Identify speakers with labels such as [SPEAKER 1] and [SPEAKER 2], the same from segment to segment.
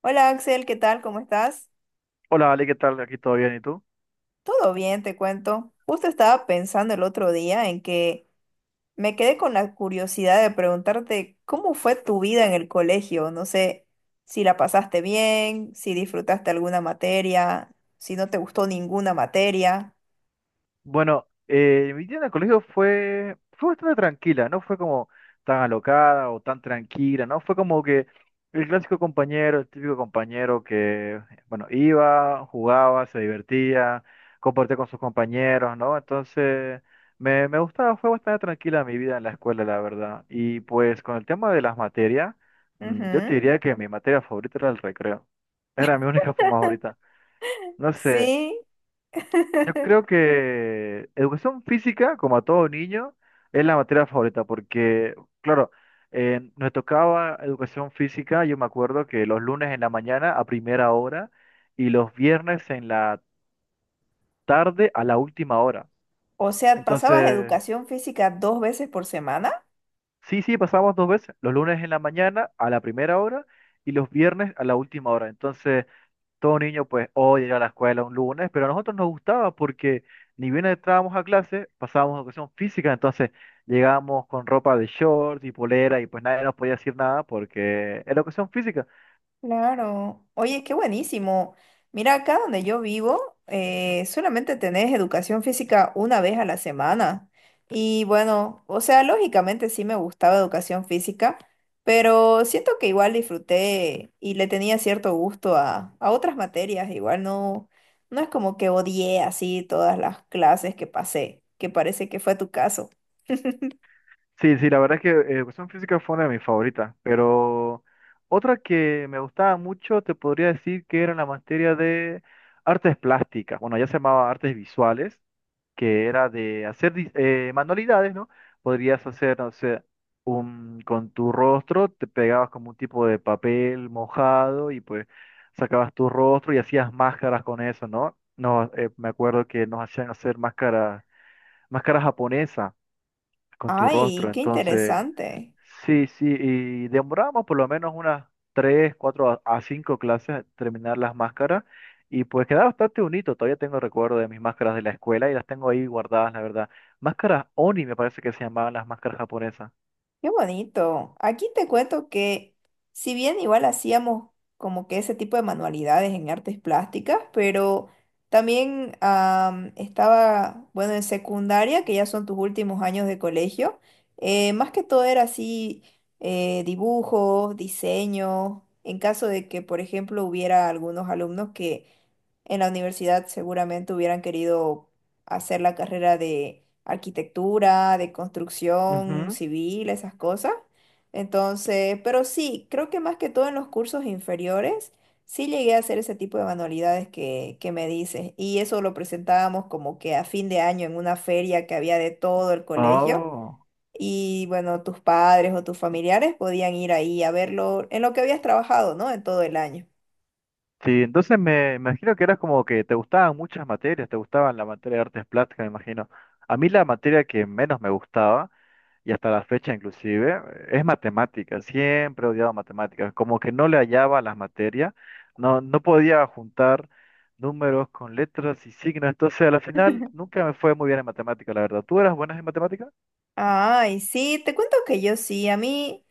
[SPEAKER 1] Hola Axel, ¿qué tal? ¿Cómo estás?
[SPEAKER 2] Hola, Ale, ¿qué tal? Aquí todo bien, ¿y tú?
[SPEAKER 1] Todo bien, te cuento. Justo estaba pensando el otro día en que me quedé con la curiosidad de preguntarte cómo fue tu vida en el colegio. No sé si la pasaste bien, si disfrutaste alguna materia, si no te gustó ninguna materia.
[SPEAKER 2] Bueno, mi día en el colegio fue bastante tranquila, no fue como tan alocada o tan tranquila, ¿no? Fue como que el clásico compañero, el típico compañero que, bueno, iba, jugaba, se divertía, compartía con sus compañeros, ¿no? Entonces, me gustaba, fue bastante tranquila mi vida en la escuela, la verdad. Y pues con el tema de las materias, yo te
[SPEAKER 1] Ujú.
[SPEAKER 2] diría que mi materia favorita era el recreo. Era mi única favorita. No sé.
[SPEAKER 1] Sí,
[SPEAKER 2] Yo creo que educación física, como a todo niño, es la materia favorita, porque, claro, nos tocaba educación física, yo me acuerdo que los lunes en la mañana a primera hora y los viernes en la tarde a la última hora.
[SPEAKER 1] o sea, ¿pasabas
[SPEAKER 2] Entonces,
[SPEAKER 1] educación física dos veces por semana?
[SPEAKER 2] sí, sí, pasábamos dos veces, los lunes en la mañana a la primera hora y los viernes a la última hora. Entonces, todo niño pues odia ir a la escuela un lunes, pero a nosotros nos gustaba porque ni bien entrábamos a clase, pasábamos a educación física, entonces llegábamos con ropa de shorts y polera y pues nadie nos podía decir nada porque era educación física.
[SPEAKER 1] Claro. Oye, qué buenísimo. Mira, acá donde yo vivo, solamente tenés educación física una vez a la semana. Y bueno, o sea, lógicamente sí me gustaba educación física, pero siento que igual disfruté y le tenía cierto gusto a otras materias. Igual no, no es como que odié así todas las clases que pasé, que parece que fue tu caso.
[SPEAKER 2] Sí, sí, la verdad es que educación física fue una de mis favoritas, pero otra que me gustaba mucho te podría decir que era la materia de artes plásticas, bueno, ya se llamaba artes visuales. Que era de hacer manualidades, ¿no? Podrías hacer, no sé, con tu rostro, te pegabas como un tipo de papel mojado y pues sacabas tu rostro y hacías máscaras con eso, ¿no? No, me acuerdo que nos hacían hacer máscaras, máscaras japonesas con tu
[SPEAKER 1] Ay,
[SPEAKER 2] rostro,
[SPEAKER 1] qué
[SPEAKER 2] entonces
[SPEAKER 1] interesante.
[SPEAKER 2] sí, sí, y demoramos por lo menos unas 3 4 a cinco clases a terminar las máscaras y pues queda bastante bonito, todavía tengo recuerdo de mis máscaras de la escuela y las tengo ahí guardadas, la verdad. Máscaras Oni me parece que se llamaban las máscaras japonesas.
[SPEAKER 1] Qué bonito. Aquí te cuento que si bien igual hacíamos como que ese tipo de manualidades en artes plásticas, pero también estaba, bueno, en secundaria, que ya son tus últimos años de colegio, más que todo era así dibujos, diseño, en caso de que, por ejemplo, hubiera algunos alumnos que en la universidad seguramente hubieran querido hacer la carrera de arquitectura, de construcción
[SPEAKER 2] Ujú.
[SPEAKER 1] civil, esas cosas. Entonces, pero sí, creo que más que todo en los cursos inferiores, sí llegué a hacer ese tipo de manualidades que me dices. Y eso lo presentábamos como que a fin de año en una feria que había de todo el colegio.
[SPEAKER 2] Oh,
[SPEAKER 1] Y bueno, tus padres o tus familiares podían ir ahí a verlo en lo que habías trabajado, ¿no? En todo el año.
[SPEAKER 2] sí, entonces me imagino que eras como que te gustaban muchas materias, te gustaban la materia de artes plásticas, me imagino. A mí la materia que menos me gustaba y hasta la fecha inclusive, es matemáticas, siempre he odiado matemáticas, como que no le hallaba a las materias, no, no podía juntar números con letras y signos, entonces a la final nunca me fue muy bien en matemáticas, la verdad. ¿Tú eras buena en matemáticas?
[SPEAKER 1] Ay, sí, te cuento que yo sí, a mí.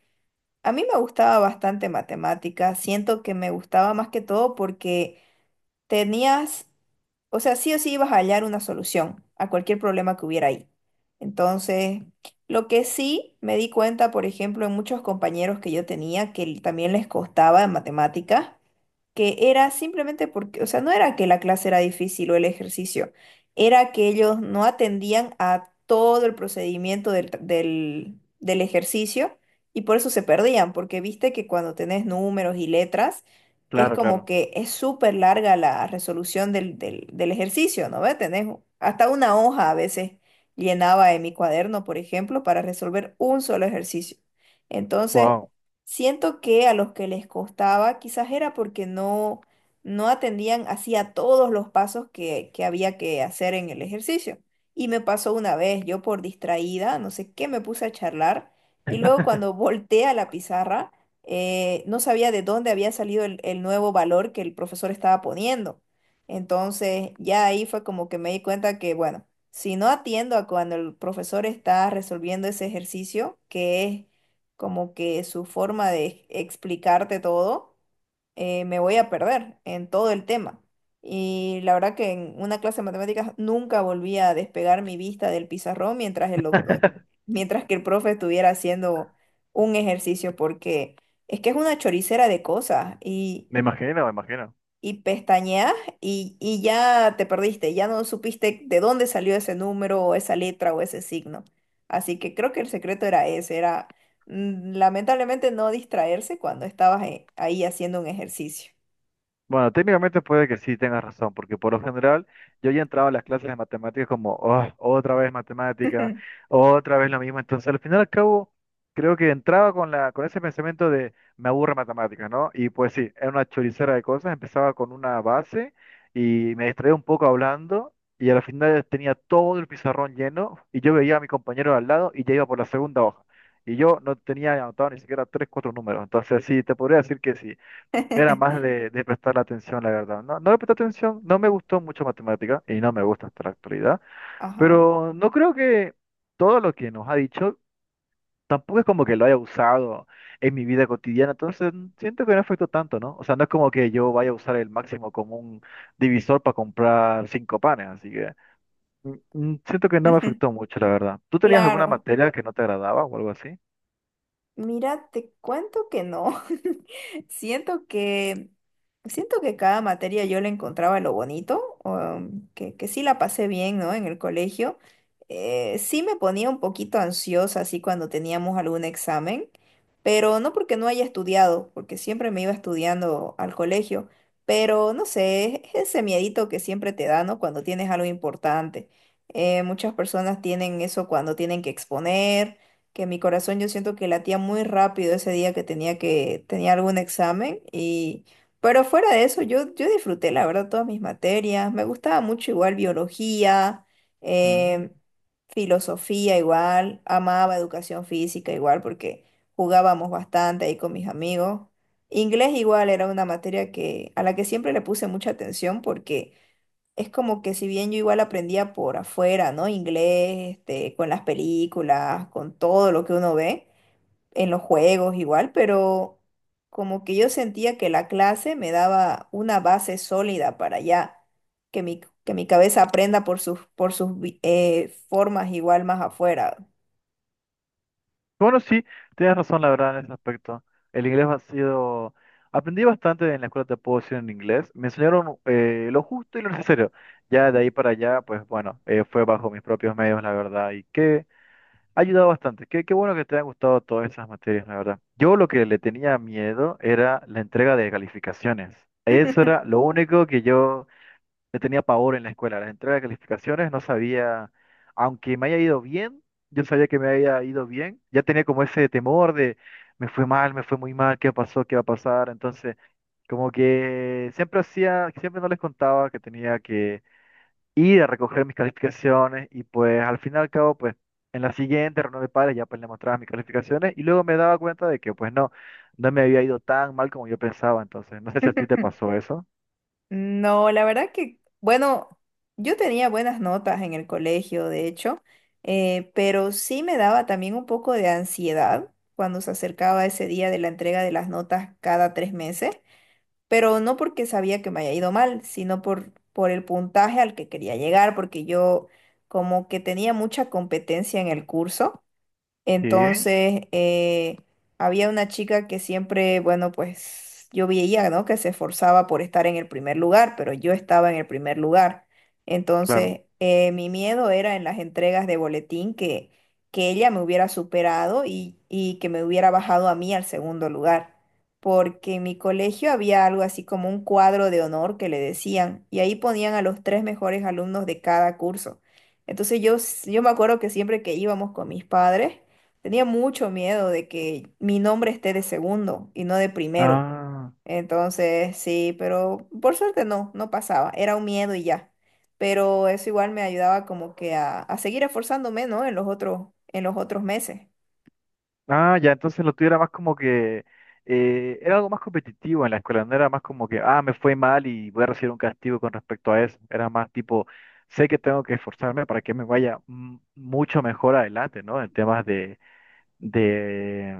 [SPEAKER 1] A mí me gustaba bastante matemática, siento que me gustaba más que todo porque tenías, o sea, sí o sí ibas a hallar una solución a cualquier problema que hubiera ahí. Entonces, lo que sí me di cuenta, por ejemplo, en muchos compañeros que yo tenía también les costaba en matemáticas, que era simplemente porque, o sea, no era que la clase era difícil o el ejercicio, era que ellos no atendían a todo el procedimiento del, del ejercicio y por eso se perdían, porque viste que cuando tenés números y letras, es
[SPEAKER 2] Claro,
[SPEAKER 1] como
[SPEAKER 2] claro.
[SPEAKER 1] que es súper larga la resolución del ejercicio, ¿no ves? Tenés hasta una hoja a veces llenaba en mi cuaderno, por ejemplo, para resolver un solo ejercicio. Entonces,
[SPEAKER 2] Wow.
[SPEAKER 1] siento que a los que les costaba quizás era porque no, no atendían así a todos los pasos que había que hacer en el ejercicio. Y me pasó una vez, yo por distraída, no sé qué, me puse a charlar y luego cuando volteé a la pizarra, no sabía de dónde había salido el nuevo valor que el profesor estaba poniendo. Entonces ya ahí fue como que me di cuenta que, bueno, si no atiendo a cuando el profesor está resolviendo ese ejercicio, que es como que su forma de explicarte todo, me voy a perder en todo el tema. Y la verdad que en una clase de matemáticas nunca volví a despegar mi vista del pizarrón mientras el doctor, mientras que el profe estuviera haciendo un ejercicio, porque es que es una choricera de cosas
[SPEAKER 2] Me imagino, me imagino.
[SPEAKER 1] y pestañeas y ya te perdiste, ya no supiste de dónde salió ese número o esa letra o ese signo. Así que creo que el secreto era ese, era lamentablemente no distraerse cuando estabas ahí haciendo un ejercicio.
[SPEAKER 2] Bueno, técnicamente puede que sí tengas razón, porque por lo general yo ya entraba a las clases de matemáticas como, "Ah, otra vez matemática, otra vez lo mismo". Entonces, al final y al cabo, creo que entraba con la, con ese pensamiento de me aburre matemáticas, ¿no? Y pues sí, era una choricera de cosas, empezaba con una base y me distraía un poco hablando y al final tenía todo el pizarrón lleno y yo veía a mi compañero de al lado y ya iba por la segunda hoja. Y yo no tenía anotado ni siquiera tres, cuatro números. Entonces, sí, te podría decir que sí. Era más de prestar atención, la verdad. No, no le presté atención, no me gustó mucho matemática y no me gusta hasta la actualidad,
[SPEAKER 1] Ajá.
[SPEAKER 2] pero no creo que todo lo que nos ha dicho tampoco es como que lo haya usado en mi vida cotidiana, entonces siento que no afectó tanto, ¿no? O sea, no es como que yo vaya a usar el máximo como un divisor para comprar cinco panes, así que siento que no me afectó mucho, la verdad. ¿Tú tenías alguna
[SPEAKER 1] Claro.
[SPEAKER 2] materia que no te agradaba o algo así?
[SPEAKER 1] Mira, te cuento que no. Siento que siento que cada materia yo le encontraba lo bonito, que sí la pasé bien, ¿no? En el colegio. Sí me ponía un poquito ansiosa así cuando teníamos algún examen, pero no porque no haya estudiado, porque siempre me iba estudiando al colegio. Pero no sé, es ese miedito que siempre te da, ¿no? Cuando tienes algo importante. Muchas personas tienen eso cuando tienen que exponer que mi corazón yo siento que latía muy rápido ese día que tenía algún examen y pero fuera de eso yo disfruté la verdad todas mis materias, me gustaba mucho igual biología,
[SPEAKER 2] Ujú.
[SPEAKER 1] em, filosofía igual, amaba educación física igual porque jugábamos bastante ahí con mis amigos. Inglés igual era una materia que a la que siempre le puse mucha atención porque es como que si bien yo igual aprendía por afuera, ¿no? Inglés, este, con las películas, con todo lo que uno ve, en los juegos igual, pero como que yo sentía que la clase me daba una base sólida para ya que mi cabeza aprenda por sus, por sus formas igual más afuera.
[SPEAKER 2] Bueno, sí, tienes razón, la verdad, en ese aspecto. El inglés ha sido. Aprendí bastante en la escuela, te puedo decir, en inglés. Me enseñaron lo justo y lo necesario. Ya de ahí para allá, pues bueno, fue bajo mis propios medios, la verdad, y que ha ayudado bastante. Qué bueno que te hayan gustado todas esas materias, la verdad. Yo lo que le tenía miedo era la entrega de calificaciones. Eso era lo único que yo le tenía pavor en la escuela, las entregas de calificaciones, no sabía, aunque me haya ido bien, yo sabía que me había ido bien, ya tenía como ese temor de, me fue mal, me fue muy mal, ¿qué pasó? ¿Qué va a pasar? Entonces, como que siempre no les contaba que tenía que ir a recoger mis calificaciones y pues al fin y al cabo, pues en la siguiente reunión de padres ya pues le mostraba mis calificaciones y luego me daba cuenta de que pues no, no me había ido tan mal como yo pensaba, entonces, no sé si a ti te pasó eso.
[SPEAKER 1] No, la verdad que, bueno, yo tenía buenas notas en el colegio, de hecho, pero sí me daba también un poco de ansiedad cuando se acercaba ese día de la entrega de las notas cada tres meses, pero no porque sabía que me haya ido mal, sino por el puntaje al que quería llegar, porque yo como que tenía mucha competencia en el curso.
[SPEAKER 2] Sí,
[SPEAKER 1] Entonces, había una chica que siempre, bueno, pues yo veía, ¿no? Que se esforzaba por estar en el primer lugar, pero yo estaba en el primer lugar.
[SPEAKER 2] claro.
[SPEAKER 1] Entonces, mi miedo era en las entregas de boletín que ella me hubiera superado y que me hubiera bajado a mí al segundo lugar. Porque en mi colegio había algo así como un cuadro de honor que le decían, y ahí ponían a los tres mejores alumnos de cada curso. Entonces yo me acuerdo que siempre que íbamos con mis padres, tenía mucho miedo de que mi nombre esté de segundo y no de primero.
[SPEAKER 2] Ah.
[SPEAKER 1] Entonces, sí, pero por suerte no, no pasaba. Era un miedo y ya. Pero eso igual me ayudaba como que a seguir esforzándome, ¿no? En los otros meses.
[SPEAKER 2] Ah, ya, entonces lo tuyo era más como que era algo más competitivo en la escuela, no era más como que, ah, me fue mal y voy a recibir un castigo con respecto a eso. Era más tipo, sé que tengo que esforzarme para que me vaya mucho mejor adelante, ¿no? En temas de,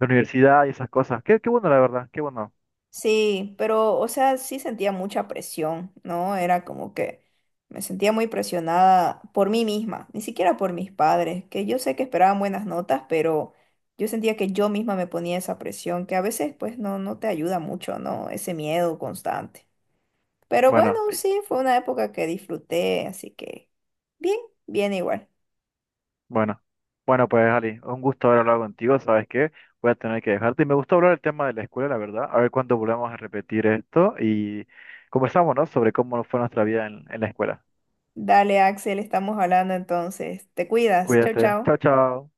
[SPEAKER 2] de universidad y esas cosas. Qué bueno, la verdad, qué bueno.
[SPEAKER 1] Sí, pero, o sea, sí sentía mucha presión, ¿no? Era como que me sentía muy presionada por mí misma, ni siquiera por mis padres, que yo sé que esperaban buenas notas, pero yo sentía que yo misma me ponía esa presión, que a veces pues no, no te ayuda mucho, ¿no? Ese miedo constante. Pero bueno,
[SPEAKER 2] Bueno,
[SPEAKER 1] sí, fue una época que disfruté, así que bien, bien igual.
[SPEAKER 2] Bueno, bueno, pues Ali, un gusto haber hablado contigo, ¿sabes qué? Voy a tener que dejarte. Y me gustó hablar el tema de la escuela, la verdad. A ver cuándo volvamos a repetir esto y conversamos, ¿no? Sobre cómo fue nuestra vida en la escuela.
[SPEAKER 1] Dale, Axel, estamos hablando entonces. Te cuidas. Chao,
[SPEAKER 2] Cuídate.
[SPEAKER 1] chao.
[SPEAKER 2] Chao, chao.